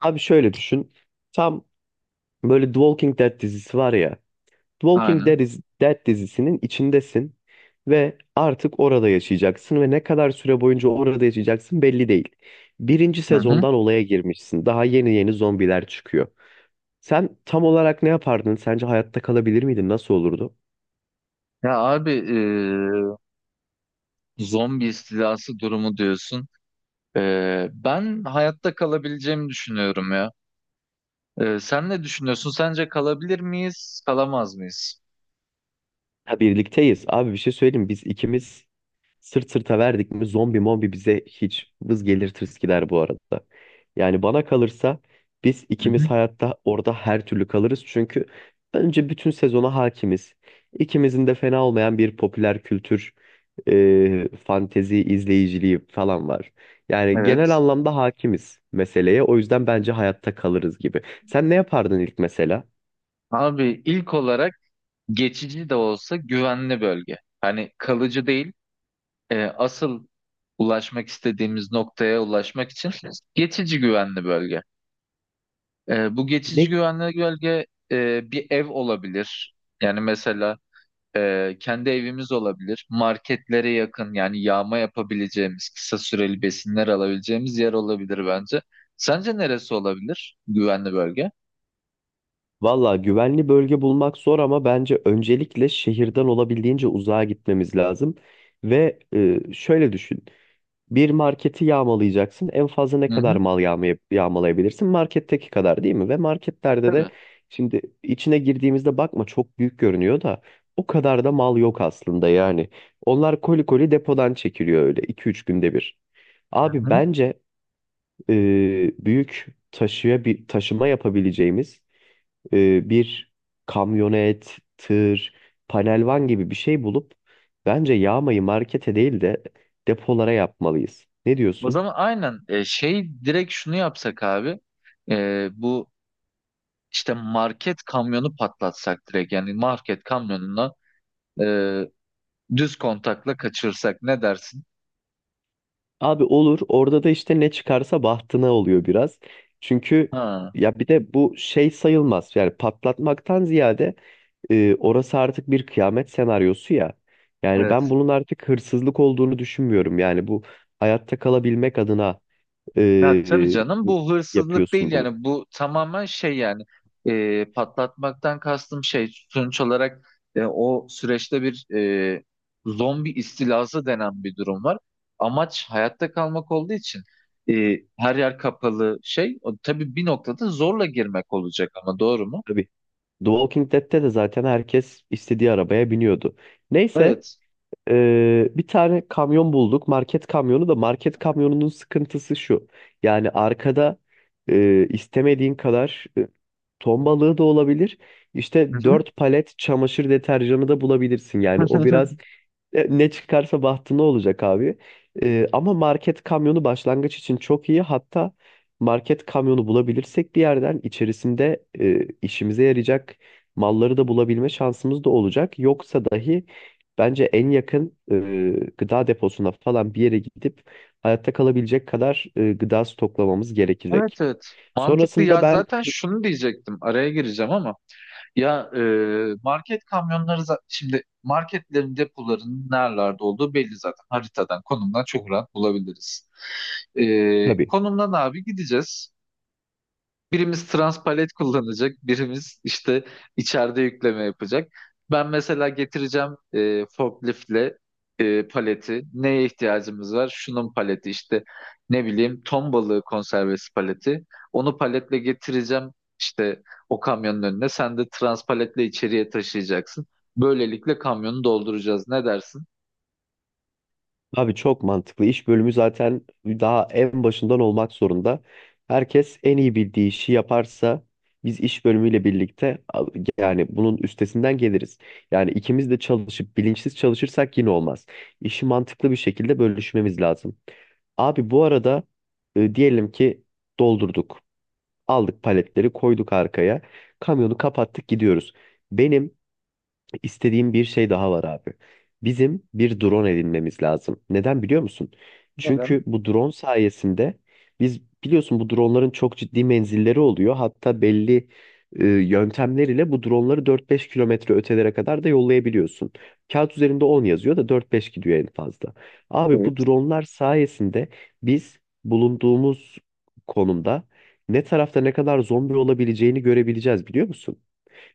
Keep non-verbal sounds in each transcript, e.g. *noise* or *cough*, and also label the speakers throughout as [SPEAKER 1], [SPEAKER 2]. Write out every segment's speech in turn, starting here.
[SPEAKER 1] Abi şöyle düşün. Tam böyle The Walking Dead dizisi var ya. The Walking
[SPEAKER 2] Aynen.
[SPEAKER 1] Dead, Dead dizisinin içindesin ve artık orada yaşayacaksın ve ne kadar süre boyunca orada yaşayacaksın belli değil. Birinci
[SPEAKER 2] Hı hı.
[SPEAKER 1] sezondan olaya girmişsin. Daha yeni yeni zombiler çıkıyor. Sen tam olarak ne yapardın? Sence hayatta kalabilir miydin? Nasıl olurdu?
[SPEAKER 2] Ya abi zombi istilası durumu diyorsun. Ben hayatta kalabileceğimi düşünüyorum ya. Sen ne düşünüyorsun? Sence kalabilir miyiz, kalamaz mıyız?
[SPEAKER 1] Ha, birlikteyiz. Abi bir şey söyleyeyim. Biz ikimiz sırt sırta verdik mi zombi mombi bize hiç vız gelir tırıs bu arada. Yani bana kalırsa biz
[SPEAKER 2] Hı
[SPEAKER 1] ikimiz
[SPEAKER 2] hı.
[SPEAKER 1] hayatta orada her türlü kalırız. Çünkü önce bütün sezona hakimiz. İkimizin de fena olmayan bir popüler kültür, fantezi izleyiciliği falan var. Yani genel
[SPEAKER 2] Evet.
[SPEAKER 1] anlamda hakimiz meseleye. O yüzden bence hayatta kalırız gibi. Sen ne yapardın ilk mesela?
[SPEAKER 2] Abi ilk olarak geçici de olsa güvenli bölge. Hani kalıcı değil. Asıl ulaşmak istediğimiz noktaya ulaşmak için geçici güvenli bölge. Bu geçici
[SPEAKER 1] Ne?
[SPEAKER 2] güvenli bölge bir ev olabilir. Yani mesela. Kendi evimiz olabilir. Marketlere yakın yani yağma yapabileceğimiz, kısa süreli besinler alabileceğimiz yer olabilir bence. Sence neresi olabilir güvenli bölge?
[SPEAKER 1] Valla güvenli bölge bulmak zor ama bence öncelikle şehirden olabildiğince uzağa gitmemiz lazım. Ve şöyle düşün. Bir marketi yağmalayacaksın. En fazla ne
[SPEAKER 2] Hı
[SPEAKER 1] kadar
[SPEAKER 2] hı.
[SPEAKER 1] mal yağmalayabilirsin? Marketteki kadar değil mi? Ve marketlerde de
[SPEAKER 2] Tabii.
[SPEAKER 1] şimdi içine girdiğimizde bakma, çok büyük görünüyor da o kadar da mal yok aslında yani. Onlar koli koli depodan çekiliyor, öyle iki üç günde bir.
[SPEAKER 2] Hı
[SPEAKER 1] Abi
[SPEAKER 2] hı.
[SPEAKER 1] bence büyük taşıya bir taşıma yapabileceğimiz bir kamyonet, tır, panelvan gibi bir şey bulup bence yağmayı markete değil de depolara yapmalıyız. Ne
[SPEAKER 2] O
[SPEAKER 1] diyorsun?
[SPEAKER 2] zaman aynen şey direkt şunu yapsak abi. Bu işte market kamyonu patlatsak direkt yani market kamyonuna e, düz kontakla kaçırsak ne dersin?
[SPEAKER 1] Abi olur. Orada da işte ne çıkarsa bahtına oluyor biraz. Çünkü
[SPEAKER 2] Ha,
[SPEAKER 1] ya bir de bu şey sayılmaz. Yani patlatmaktan ziyade orası artık bir kıyamet senaryosu ya. Yani ben
[SPEAKER 2] evet.
[SPEAKER 1] bunun artık hırsızlık olduğunu düşünmüyorum. Yani bu hayatta kalabilmek adına
[SPEAKER 2] Ya tabii
[SPEAKER 1] e,
[SPEAKER 2] canım bu hırsızlık değil
[SPEAKER 1] yapıyorsun bunu.
[SPEAKER 2] yani bu tamamen şey yani patlatmaktan kastım şey sonuç olarak o süreçte bir zombi istilası denen bir durum var. Amaç hayatta kalmak olduğu için her yer kapalı şey o, tabii bir noktada zorla girmek olacak ama doğru mu?
[SPEAKER 1] Tabii. The Walking Dead'te de zaten herkes istediği arabaya biniyordu. Neyse.
[SPEAKER 2] Evet.
[SPEAKER 1] Bir tane kamyon bulduk. Market kamyonu da, market kamyonunun sıkıntısı şu. Yani arkada istemediğin kadar ton balığı da olabilir.
[SPEAKER 2] Hı
[SPEAKER 1] İşte
[SPEAKER 2] hı.
[SPEAKER 1] 4 palet çamaşır deterjanı da bulabilirsin. Yani o biraz
[SPEAKER 2] *laughs*
[SPEAKER 1] ne çıkarsa bahtına olacak abi. Ama market kamyonu başlangıç için çok iyi. Hatta market kamyonu bulabilirsek bir yerden, içerisinde işimize yarayacak malları da bulabilme şansımız da olacak. Yoksa dahi bence en yakın gıda deposuna falan bir yere gidip hayatta kalabilecek kadar gıda stoklamamız
[SPEAKER 2] Evet,
[SPEAKER 1] gerekecek.
[SPEAKER 2] evet. Mantıklı
[SPEAKER 1] Sonrasında
[SPEAKER 2] ya,
[SPEAKER 1] ben
[SPEAKER 2] zaten şunu diyecektim, araya gireceğim ama. Ya market kamyonları şimdi marketlerin depolarının nerelerde olduğu belli, zaten haritadan konumdan çok rahat bulabiliriz.
[SPEAKER 1] tabii.
[SPEAKER 2] Konumdan abi gideceğiz. Birimiz trans palet kullanacak, birimiz işte içeride yükleme yapacak. Ben mesela getireceğim forkliftle paleti. Neye ihtiyacımız var? Şunun paleti işte ne bileyim ton balığı konservesi paleti. Onu paletle getireceğim işte o kamyonun önüne. Sen de trans paletle içeriye taşıyacaksın. Böylelikle kamyonu dolduracağız. Ne dersin?
[SPEAKER 1] Abi çok mantıklı. İş bölümü zaten daha en başından olmak zorunda. Herkes en iyi bildiği işi yaparsa biz iş bölümüyle birlikte yani bunun üstesinden geliriz. Yani ikimiz de çalışıp bilinçsiz çalışırsak yine olmaz. İşi mantıklı bir şekilde bölüşmemiz lazım. Abi bu arada diyelim ki doldurduk. Aldık, paletleri koyduk arkaya. Kamyonu kapattık, gidiyoruz. Benim İstediğim bir şey daha var abi. Bizim bir drone edinmemiz lazım. Neden biliyor musun?
[SPEAKER 2] Neden?
[SPEAKER 1] Çünkü bu drone sayesinde, biz biliyorsun, bu droneların çok ciddi menzilleri oluyor. Hatta belli yöntemler ile bu droneları 4-5 kilometre ötelere kadar da yollayabiliyorsun. Kağıt üzerinde 10 yazıyor da 4-5 gidiyor en fazla. Abi bu dronelar sayesinde biz bulunduğumuz konumda ne tarafta ne kadar zombi olabileceğini görebileceğiz, biliyor musun?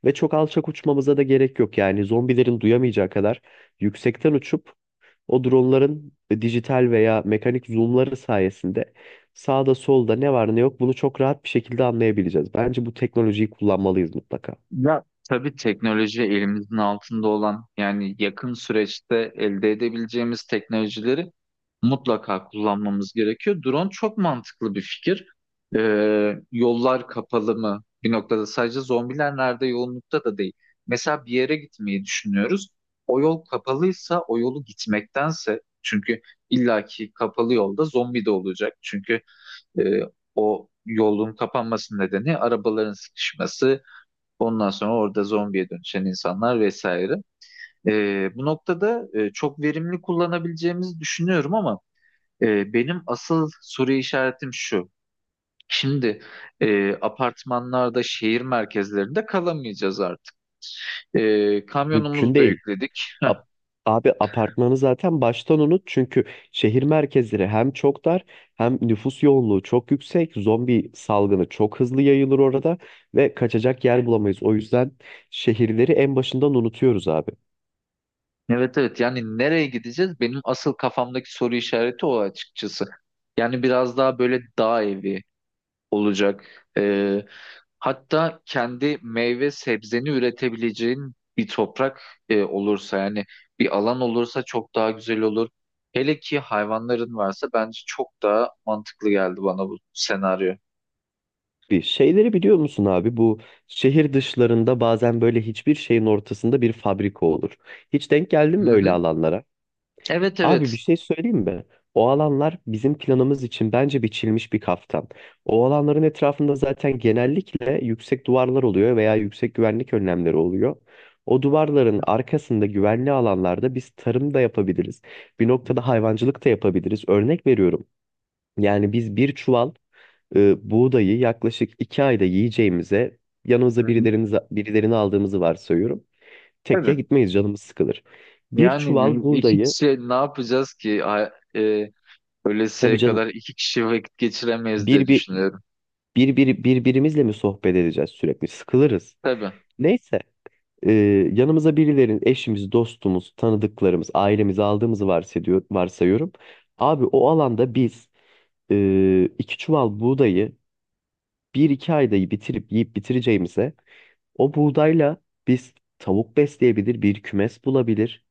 [SPEAKER 1] Ve çok alçak uçmamıza da gerek yok, yani zombilerin duyamayacağı kadar yüksekten uçup o dronların dijital veya mekanik zoomları sayesinde sağda solda ne var ne yok bunu çok rahat bir şekilde anlayabileceğiz. Bence bu teknolojiyi kullanmalıyız mutlaka.
[SPEAKER 2] Ya tabii teknoloji elimizin altında olan yani yakın süreçte elde edebileceğimiz teknolojileri mutlaka kullanmamız gerekiyor. Drone çok mantıklı bir fikir. Yollar kapalı mı? Bir noktada sadece zombiler nerede yoğunlukta da değil. Mesela bir yere gitmeyi düşünüyoruz. O yol kapalıysa o yolu gitmektense, çünkü illaki kapalı yolda zombi de olacak. Çünkü e, o yolun kapanması nedeni arabaların sıkışması. Ondan sonra orada zombiye dönüşen insanlar vesaire. Bu noktada çok verimli kullanabileceğimizi düşünüyorum ama benim asıl soru işaretim şu. Şimdi apartmanlarda, şehir merkezlerinde kalamayacağız artık.
[SPEAKER 1] Mümkün
[SPEAKER 2] Kamyonumuzu da
[SPEAKER 1] değil.
[SPEAKER 2] yükledik.
[SPEAKER 1] Ap- Abi apartmanı zaten baştan unut, çünkü şehir merkezleri hem çok dar hem nüfus yoğunluğu çok yüksek. Zombi salgını çok hızlı yayılır orada ve kaçacak yer bulamayız. O yüzden şehirleri en başından unutuyoruz abi.
[SPEAKER 2] Evet, evet, yani nereye gideceğiz? Benim asıl kafamdaki soru işareti o, açıkçası. Yani biraz daha böyle dağ evi olacak. Ee, Hatta kendi meyve sebzeni üretebileceğin bir toprak olursa yani bir alan olursa çok daha güzel olur. Hele ki hayvanların varsa bence çok daha mantıklı geldi bana bu senaryo.
[SPEAKER 1] Bir şeyleri biliyor musun abi? Bu şehir dışlarında bazen böyle hiçbir şeyin ortasında bir fabrika olur. Hiç denk geldin mi
[SPEAKER 2] Hı
[SPEAKER 1] öyle
[SPEAKER 2] hı.
[SPEAKER 1] alanlara?
[SPEAKER 2] Evet,
[SPEAKER 1] Abi bir
[SPEAKER 2] evet.
[SPEAKER 1] şey söyleyeyim mi? O alanlar bizim planımız için bence biçilmiş bir kaftan. O alanların etrafında zaten genellikle yüksek duvarlar oluyor veya yüksek güvenlik önlemleri oluyor. O duvarların
[SPEAKER 2] Hı
[SPEAKER 1] arkasında güvenli alanlarda biz tarım da yapabiliriz. Bir noktada hayvancılık da yapabiliriz. Örnek veriyorum. Yani biz bir çuval buğdayı yaklaşık 2 ayda yiyeceğimize, yanımıza
[SPEAKER 2] hı.
[SPEAKER 1] birilerini aldığımızı varsayıyorum. Tekke
[SPEAKER 2] Tabii.
[SPEAKER 1] gitmeyiz, canımız sıkılır. Bir
[SPEAKER 2] Yani
[SPEAKER 1] çuval
[SPEAKER 2] iki
[SPEAKER 1] buğdayı,
[SPEAKER 2] kişi ne yapacağız ki?
[SPEAKER 1] tabii
[SPEAKER 2] Ölesiye
[SPEAKER 1] canım,
[SPEAKER 2] kadar iki kişi vakit geçiremeyiz diye
[SPEAKER 1] bir, bir,
[SPEAKER 2] düşünüyorum.
[SPEAKER 1] birbirimizle mi sohbet edeceğiz, sürekli sıkılırız.
[SPEAKER 2] Tabii.
[SPEAKER 1] Neyse, e, yanımıza birilerin, eşimiz, dostumuz, tanıdıklarımız, ailemizi aldığımızı varsayıyorum. Abi o alanda biz iki çuval buğdayı bir iki ayda bitirip yiyip bitireceğimize, o buğdayla biz tavuk besleyebilir, bir kümes bulabilir,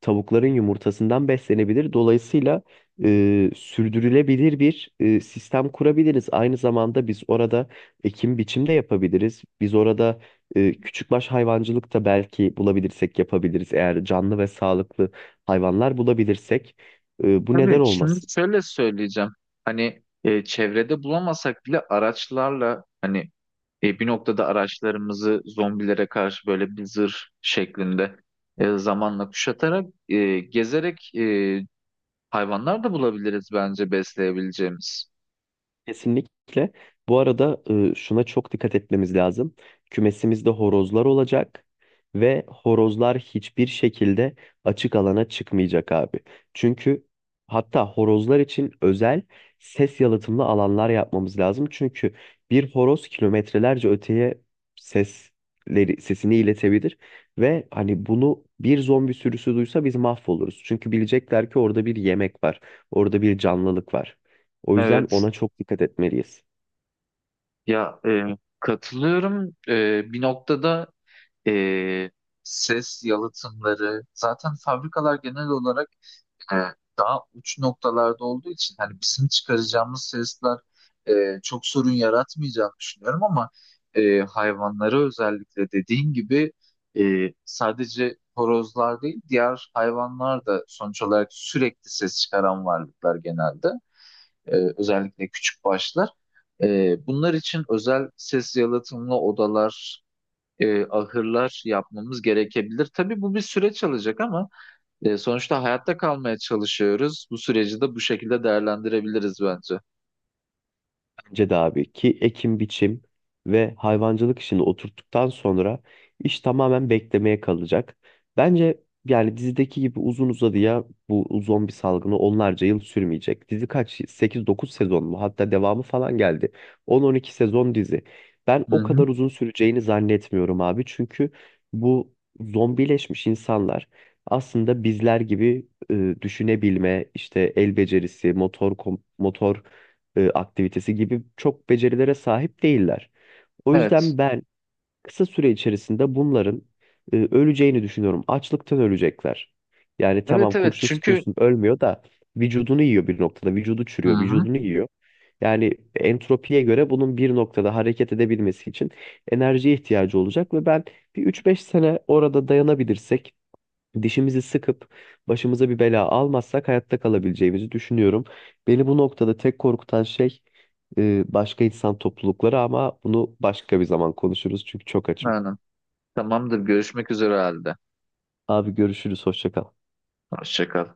[SPEAKER 1] tavukların yumurtasından beslenebilir. Dolayısıyla sürdürülebilir bir sistem kurabiliriz. Aynı zamanda biz orada ekim biçim de yapabiliriz. Biz orada küçükbaş hayvancılık da, belki bulabilirsek, yapabiliriz. Eğer canlı ve sağlıklı hayvanlar bulabilirsek, bu
[SPEAKER 2] Tabii,
[SPEAKER 1] neden
[SPEAKER 2] şimdi
[SPEAKER 1] olmasın?
[SPEAKER 2] şöyle söyleyeceğim. Hani çevrede bulamasak bile araçlarla hani bir noktada araçlarımızı zombilere karşı böyle bir zırh şeklinde zamanla kuşatarak gezerek hayvanlar da bulabiliriz bence besleyebileceğimiz.
[SPEAKER 1] Kesinlikle. Bu arada şuna çok dikkat etmemiz lazım. Kümesimizde horozlar olacak ve horozlar hiçbir şekilde açık alana çıkmayacak abi. Çünkü, hatta, horozlar için özel ses yalıtımlı alanlar yapmamız lazım. Çünkü bir horoz kilometrelerce öteye sesini iletebilir ve hani bunu bir zombi sürüsü duysa biz mahvoluruz. Çünkü bilecekler ki orada bir yemek var, orada bir canlılık var. O yüzden
[SPEAKER 2] Evet.
[SPEAKER 1] ona çok dikkat etmeliyiz.
[SPEAKER 2] Ya katılıyorum. Bir noktada e, ses yalıtımları zaten fabrikalar genel olarak e, daha uç noktalarda olduğu için hani bizim çıkaracağımız sesler çok sorun yaratmayacağını düşünüyorum ama hayvanlara özellikle dediğin gibi sadece horozlar değil diğer hayvanlar da sonuç olarak sürekli ses çıkaran varlıklar genelde. Özellikle küçük başlar. Bunlar için özel ses yalıtımlı odalar, ahırlar yapmamız gerekebilir. Tabii bu bir süreç alacak ama. Sonuçta hayatta kalmaya çalışıyoruz. Bu süreci de bu şekilde değerlendirebiliriz bence.
[SPEAKER 1] Bence de abi ki ekim biçim ve hayvancılık işini oturttuktan sonra iş tamamen beklemeye kalacak. Bence yani dizideki gibi uzun uzadıya bu zombi salgını onlarca yıl sürmeyecek. Dizi kaç? 8-9 sezon mu? Hatta devamı falan geldi. 10-12 sezon dizi. Ben
[SPEAKER 2] Hı
[SPEAKER 1] o
[SPEAKER 2] hı.
[SPEAKER 1] kadar uzun süreceğini zannetmiyorum abi. Çünkü bu zombileşmiş insanlar aslında bizler gibi düşünebilme, işte el becerisi, motor aktivitesi gibi çok becerilere sahip değiller. O
[SPEAKER 2] Evet.
[SPEAKER 1] yüzden ben kısa süre içerisinde bunların öleceğini düşünüyorum. Açlıktan ölecekler. Yani tamam,
[SPEAKER 2] Evet, evet
[SPEAKER 1] kurşun
[SPEAKER 2] çünkü...
[SPEAKER 1] sıkıyorsun ölmüyor da vücudunu yiyor bir noktada. Vücudu
[SPEAKER 2] Hı
[SPEAKER 1] çürüyor,
[SPEAKER 2] hı.
[SPEAKER 1] vücudunu yiyor. Yani entropiye göre bunun bir noktada hareket edebilmesi için enerjiye ihtiyacı olacak ve ben bir üç beş sene orada dayanabilirsek, dişimizi sıkıp başımıza bir bela almazsak, hayatta kalabileceğimizi düşünüyorum. Beni bu noktada tek korkutan şey başka insan toplulukları, ama bunu başka bir zaman konuşuruz çünkü çok açım.
[SPEAKER 2] Aynen. Tamamdır. Görüşmek üzere halde.
[SPEAKER 1] Abi görüşürüz, hoşça kal.
[SPEAKER 2] Hoşça kal.